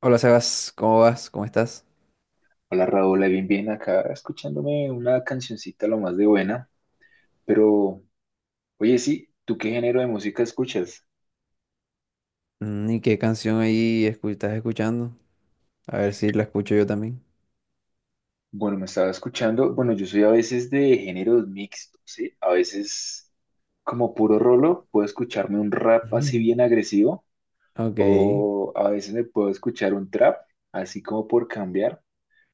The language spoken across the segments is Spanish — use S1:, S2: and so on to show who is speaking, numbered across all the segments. S1: Hola Sebas, ¿cómo vas? ¿Cómo estás?
S2: Hola Raúl, ahí bien, bien acá escuchándome una cancioncita lo más de buena, pero oye, sí, ¿tú qué género de música escuchas?
S1: ¿Y qué canción estás escuchando? A ver si la escucho yo también.
S2: Bueno, me estaba escuchando, bueno, yo soy a veces de géneros mixtos, ¿sí? A veces como puro rolo, puedo escucharme un rap
S1: Ujú.
S2: así bien agresivo,
S1: Ok,
S2: o a veces me puedo escuchar un trap, así como por cambiar,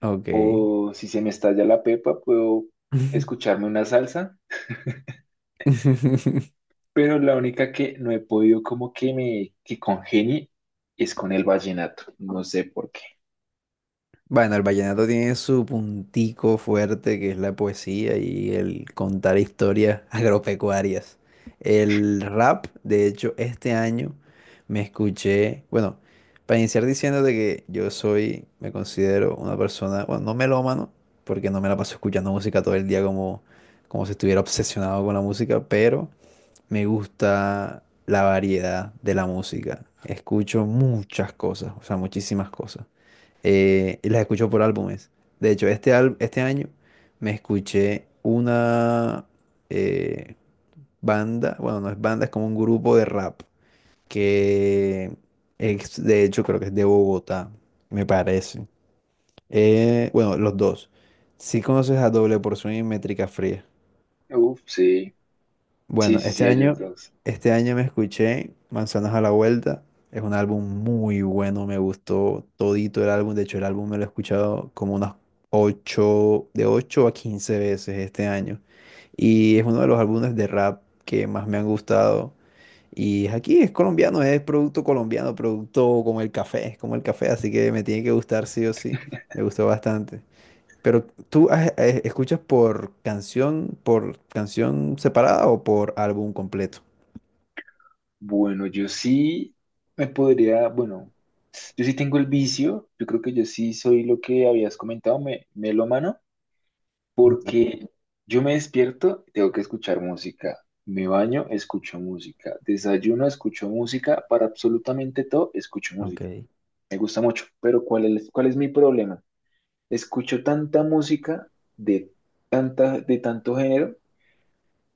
S1: ok.
S2: o si se me estalla la pepa, puedo escucharme una salsa, pero la única que no he podido como que me que congenie es con el vallenato, no sé por qué.
S1: Bueno, el vallenato tiene su puntico fuerte, que es la poesía y el contar historias agropecuarias. El rap, de hecho, este año me escuché, bueno, para iniciar diciéndote que yo soy, me considero una persona, bueno, no melómano, porque no me la paso escuchando música todo el día como, como si estuviera obsesionado con la música, pero me gusta la variedad de la música. Escucho muchas cosas, o sea, muchísimas cosas, y las escucho por álbumes. De hecho, este año me escuché una eh, banda, bueno, no es banda, es como un grupo de rap, que de hecho creo que es de Bogotá, me parece. Bueno, los dos. Si conoces a Doble Porción y Métrica Fría.
S2: Uf, sí, sí,
S1: Bueno,
S2: sí, sí, a ellos dos.
S1: este año me escuché Manzanas a la Vuelta. Es un álbum muy bueno, me gustó todito el álbum. De hecho, el álbum me lo he escuchado como unas 8 de 8 a 15 veces este año. Y es uno de los álbumes de rap que más me han gustado. Y es aquí, es colombiano, es producto colombiano, producto como el café, es como el café, así que me tiene que gustar sí o sí. Me gustó bastante. Pero tú escuchas por canción separada o por álbum completo.
S2: Bueno, yo sí me podría, bueno, yo sí tengo el vicio, yo creo que yo sí soy lo que habías comentado, melómano,
S1: Ujú.
S2: porque yo me despierto, tengo que escuchar música, me baño, escucho música, desayuno, escucho música, para absolutamente todo, escucho música.
S1: Ok.
S2: Me gusta mucho, pero ¿cuál es mi problema? Escucho tanta música de, de tanto género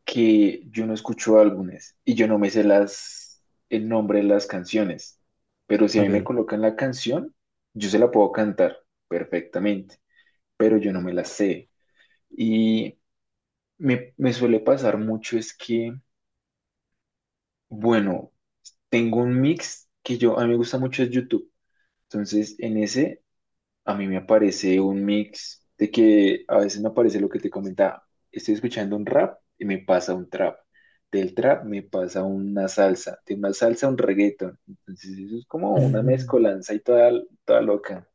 S2: que yo no escucho álbumes y yo no me sé el nombre de las canciones. Pero si a mí me
S1: Ok.
S2: colocan la canción, yo se la puedo cantar perfectamente, pero yo no me la sé. Y me suele pasar mucho es que, bueno, tengo un mix que yo, a mí me gusta mucho es YouTube. Entonces, en ese a mí me aparece un mix de que a veces me aparece lo que te comentaba. Estoy escuchando un rap y me pasa un trap. Del trap me pasa una salsa. De una salsa un reggaeton. Entonces eso es como una mezcolanza y toda, toda loca.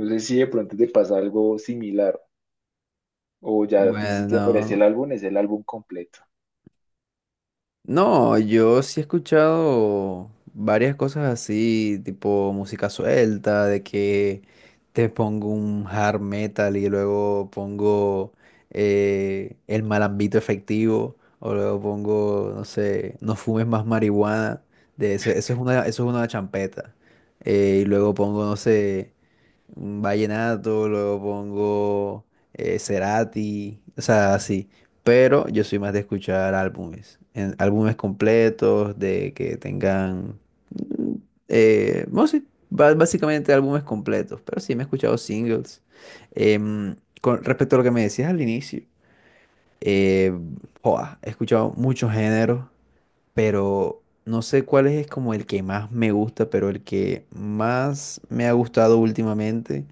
S2: No sé si de pronto te pasa algo similar o ya a ti si te aparece el
S1: Bueno,
S2: álbum, es el álbum completo.
S1: no, yo sí he escuchado varias cosas así, tipo música suelta, de que te pongo un hard metal y luego pongo el malambito efectivo, o luego pongo, no sé, no fumes más marihuana, de eso, eso es una champeta. Y luego pongo, no sé, un vallenato, luego pongo Cerati, o sea, así. Pero yo soy más de escuchar álbumes, álbumes completos, de que tengan, mm, bueno, sí, básicamente álbumes completos, pero sí me he escuchado singles. Con respecto a lo que me decías al inicio, eh, joa, he escuchado muchos géneros, pero no sé cuál es como el que más me gusta, pero el que más me ha gustado últimamente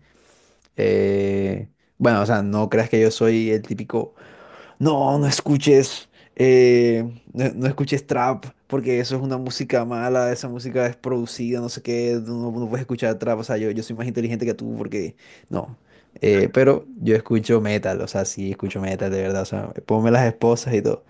S1: eh, bueno, o sea, no creas que yo soy el típico, no, no escuches, no, no escuches trap, porque eso es una música mala, esa música es producida, no sé qué, tú no, no puedes escuchar trap, o sea, yo soy más inteligente que tú, porque no. Pero yo escucho metal, o sea, sí, escucho metal, de verdad, o sea, ponme las esposas y todo.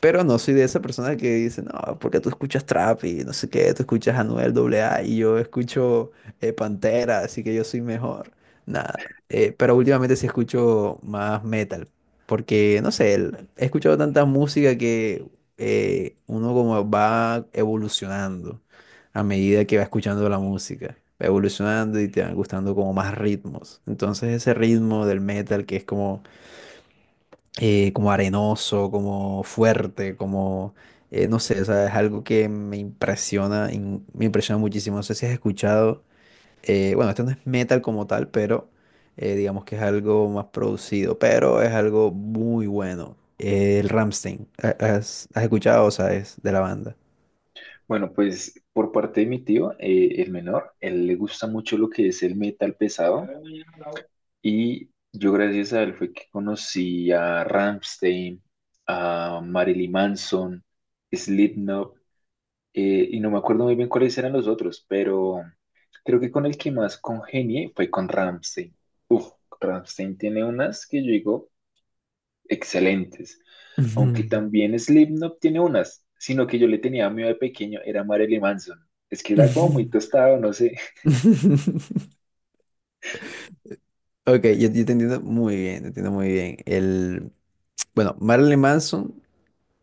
S1: Pero no soy de esa persona que dice, no, porque tú escuchas trap y no sé qué, tú escuchas Anuel AA y yo escucho Pantera, así que yo soy mejor. Nada, pero últimamente sí escucho más metal, porque no sé, he escuchado tanta música que uno como va evolucionando a medida que va escuchando la música, va evolucionando y te van gustando como más ritmos. Entonces ese ritmo del metal que es como como arenoso, como fuerte, como, no sé, o sea, es algo que me me impresiona muchísimo. No sé si has escuchado, bueno, esto no es metal como tal, pero digamos que es algo más producido, pero es algo muy bueno. El Rammstein, ¿has, has escuchado o sabes de la banda?
S2: Bueno, pues por parte de mi tío, el menor, él le gusta mucho lo que es el metal pesado. Y yo gracias a él fue que conocí a Rammstein, a Marilyn Manson, Slipknot, y no me acuerdo muy bien cuáles eran los otros, pero creo que con el que más congenié fue con Rammstein. Uf, Rammstein tiene unas que yo digo excelentes, aunque
S1: Ujú,
S2: también Slipknot tiene unas, sino que yo le tenía miedo de pequeño, era Marilyn Manson. Es que era como muy
S1: ujú.
S2: tostado, no sé.
S1: Ok, yo te entiendo muy bien, te entiendo muy bien. El, bueno, Marilyn Manson.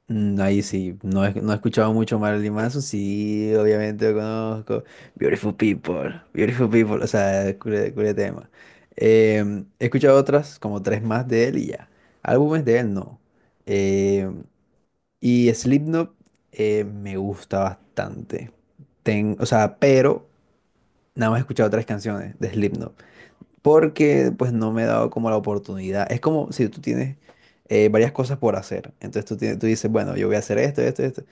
S1: Ahí sí, no he, no he escuchado mucho Marilyn Manson, sí, obviamente lo conozco. Beautiful People, Beautiful People, o sea, cule, cule tema. He escuchado otras, como tres más de él y ya. Álbumes de él no. Em, y Slipknot me gusta bastante. O sea, pero nada más he escuchado tres canciones de Slipknot, porque pues no me he dado como la oportunidad. Es como si tú tienes varias cosas por hacer, entonces tú, tienes, tú dices, bueno, yo voy a hacer esto, esto, esto.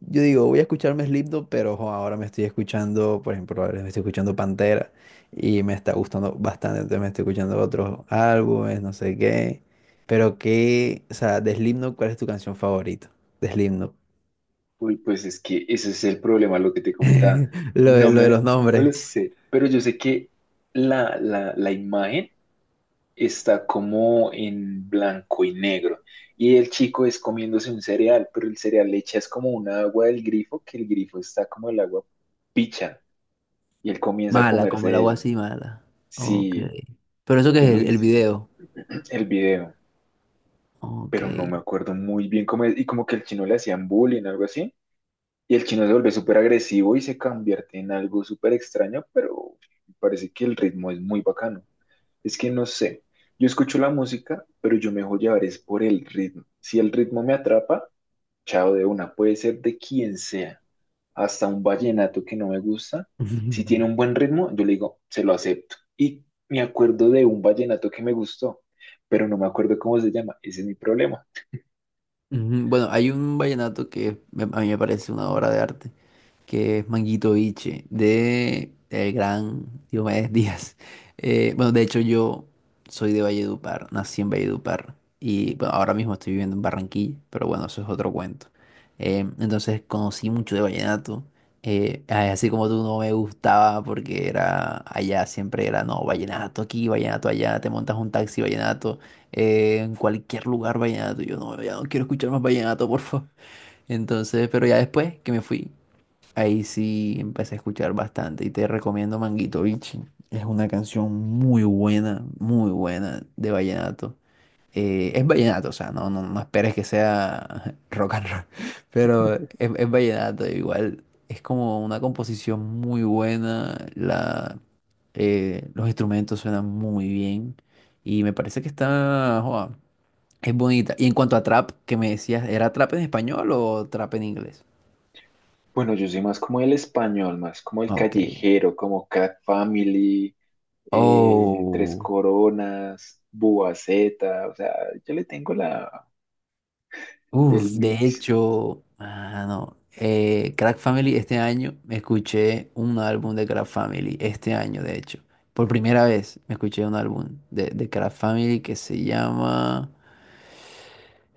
S1: Yo digo, voy a escucharme Slipknot, pero jo, ahora me estoy escuchando, por ejemplo, ahora me estoy escuchando Pantera y me está gustando bastante, entonces me estoy escuchando otros álbumes, no sé qué. Pero qué, o sea, de Slipknot, ¿cuál es tu canción favorita? De Slipknot.
S2: Uy, pues es que ese es el problema, lo que te comentaba. No
S1: Lo de
S2: me,
S1: los
S2: no me
S1: nombres.
S2: lo sé, pero yo sé que la imagen está como en blanco y negro. Y el chico es comiéndose un cereal, pero el cereal le echas como un agua del grifo, que el grifo está como el agua picha. Y él comienza a
S1: Mala, como el
S2: comerse
S1: agua
S2: eso.
S1: así, mala. Ok.
S2: Sí,
S1: Pero eso que
S2: yo
S1: es
S2: me
S1: el
S2: viste
S1: video.
S2: el video,
S1: Ok.
S2: pero no me acuerdo muy bien cómo es. Y como que el chino le hacían bullying, algo así. Y el chino se vuelve súper agresivo y se convierte en algo súper extraño, pero me parece que el ritmo es muy bacano. Es que no sé, yo escucho la música, pero yo me dejo llevar es por el ritmo. Si el ritmo me atrapa, chao de una, puede ser de quien sea, hasta un vallenato que no me gusta. Si tiene un buen ritmo, yo le digo, se lo acepto. Y me acuerdo de un vallenato que me gustó, pero no me acuerdo cómo se llama, ese es mi problema.
S1: Ujú, bueno, hay un vallenato que a mí me parece una obra de arte. Que es Manguito Biche, de el gran Diomedes Díaz. Bueno, de hecho yo soy de Valledupar, nací en Valledupar y bueno, ahora mismo estoy viviendo en Barranquilla, pero bueno, eso es otro cuento. Entonces conocí mucho de vallenato, ay, así como tú no me gustaba porque era allá, siempre era, no, vallenato aquí, vallenato allá, te montas un taxi, vallenato, en cualquier lugar vallenato, yo no, ya no quiero escuchar más vallenato, por favor. Entonces, pero ya después que me fui. Ahí sí empecé a escuchar bastante y te recomiendo Manguito Bichi. Es una canción muy buena de vallenato. Es vallenato, o sea, no, no, no esperes que sea rock and roll, pero es vallenato. Igual es como una composición muy buena, la, los instrumentos suenan muy bien y me parece que está, joa, es bonita. Y en cuanto a trap, que me decías, ¿era trap en español o trap en inglés?
S2: Bueno, yo soy más como el español, más como el
S1: Ok.
S2: callejero, como Cat Family, Tres
S1: Oh,
S2: Coronas, Boa Zeta, o sea, yo le tengo el
S1: uff, de
S2: mix.
S1: hecho, ah, no. Crack Family, este año me escuché un álbum de Crack Family, este año, de hecho. Por primera vez me escuché un álbum de Crack Family que se llama.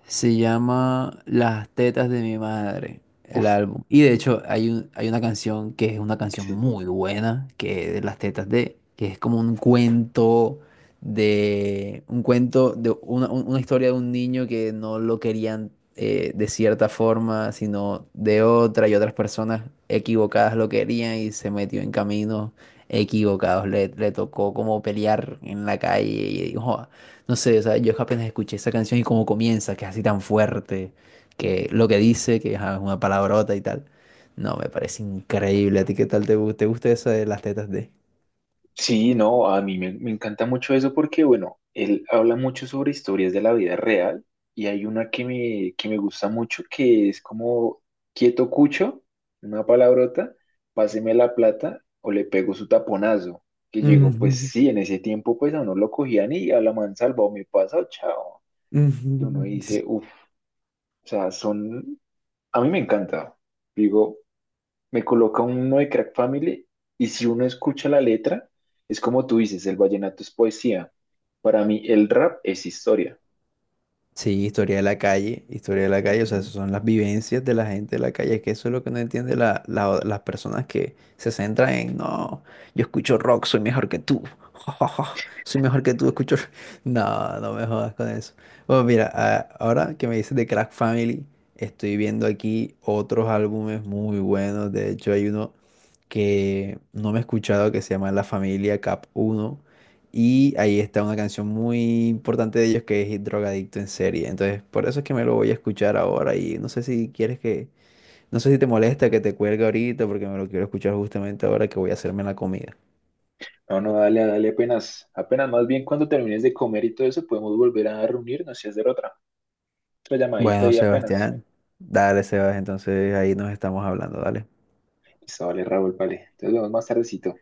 S1: Se llama Las tetas de mi madre, el
S2: Uf,
S1: álbum. Y de hecho hay un, hay una canción que es una canción
S2: sí.
S1: muy buena, que es de Las tetas de, que es como un cuento de una, una historia de un niño que no lo querían de cierta forma, sino de otra y otras personas equivocadas lo querían y se metió en caminos equivocados. Le tocó como pelear en la calle y dijo, "Ah, no sé, o sea, yo apenas escuché esa canción y cómo comienza, que es así tan fuerte, que lo que dice, que ajá, es una palabrota y tal. No, me parece increíble. ¿A ti qué tal te gusta? ¿Te gusta eso de las tetas de?
S2: Sí, no, a mí me encanta mucho eso porque, bueno, él habla mucho sobre historias de la vida real, y hay una que me gusta mucho que es como quieto cucho, una palabrota, páseme la plata o le pego su taponazo. Que yo digo, pues sí, en ese tiempo pues a uno lo cogían y a la mansalva o me pasa o chao.
S1: Ujú,
S2: Y uno
S1: ujú.
S2: dice, uff, o sea, son, a mí me encanta. Digo, me coloca uno de Crack Family y si uno escucha la letra, es como tú dices, el vallenato es poesía. Para mí el rap es historia.
S1: Sí, historia de la calle, historia de la calle, o sea, esas
S2: Ujú.
S1: son las vivencias de la gente de la calle, es que eso es lo que no entiende la, las personas que se centran en, no, yo escucho rock, soy mejor que tú, soy mejor que tú, escucho... rock". No, no me jodas con eso. Bueno, mira, ahora que me dices de Crack Family, estoy viendo aquí otros álbumes muy buenos, de hecho hay uno que no me he escuchado, que se llama La Familia Cap Uno. Y ahí está una canción muy importante de ellos que es Drogadicto en serie. Entonces, por eso es que me lo voy a escuchar ahora. Y no sé si quieres que, no sé si te molesta que te cuelgue ahorita, porque me lo quiero escuchar justamente ahora que voy a hacerme la comida.
S2: No, no, dale, dale apenas, apenas, más bien cuando termines de comer y todo eso, podemos volver a reunirnos y hacer otra llamadita,
S1: Bueno,
S2: y apenas.
S1: Sebastián, dale, Sebas, entonces ahí nos estamos hablando, dale.
S2: Listo, vale, Raúl, vale. Entonces nos vemos más tardecito.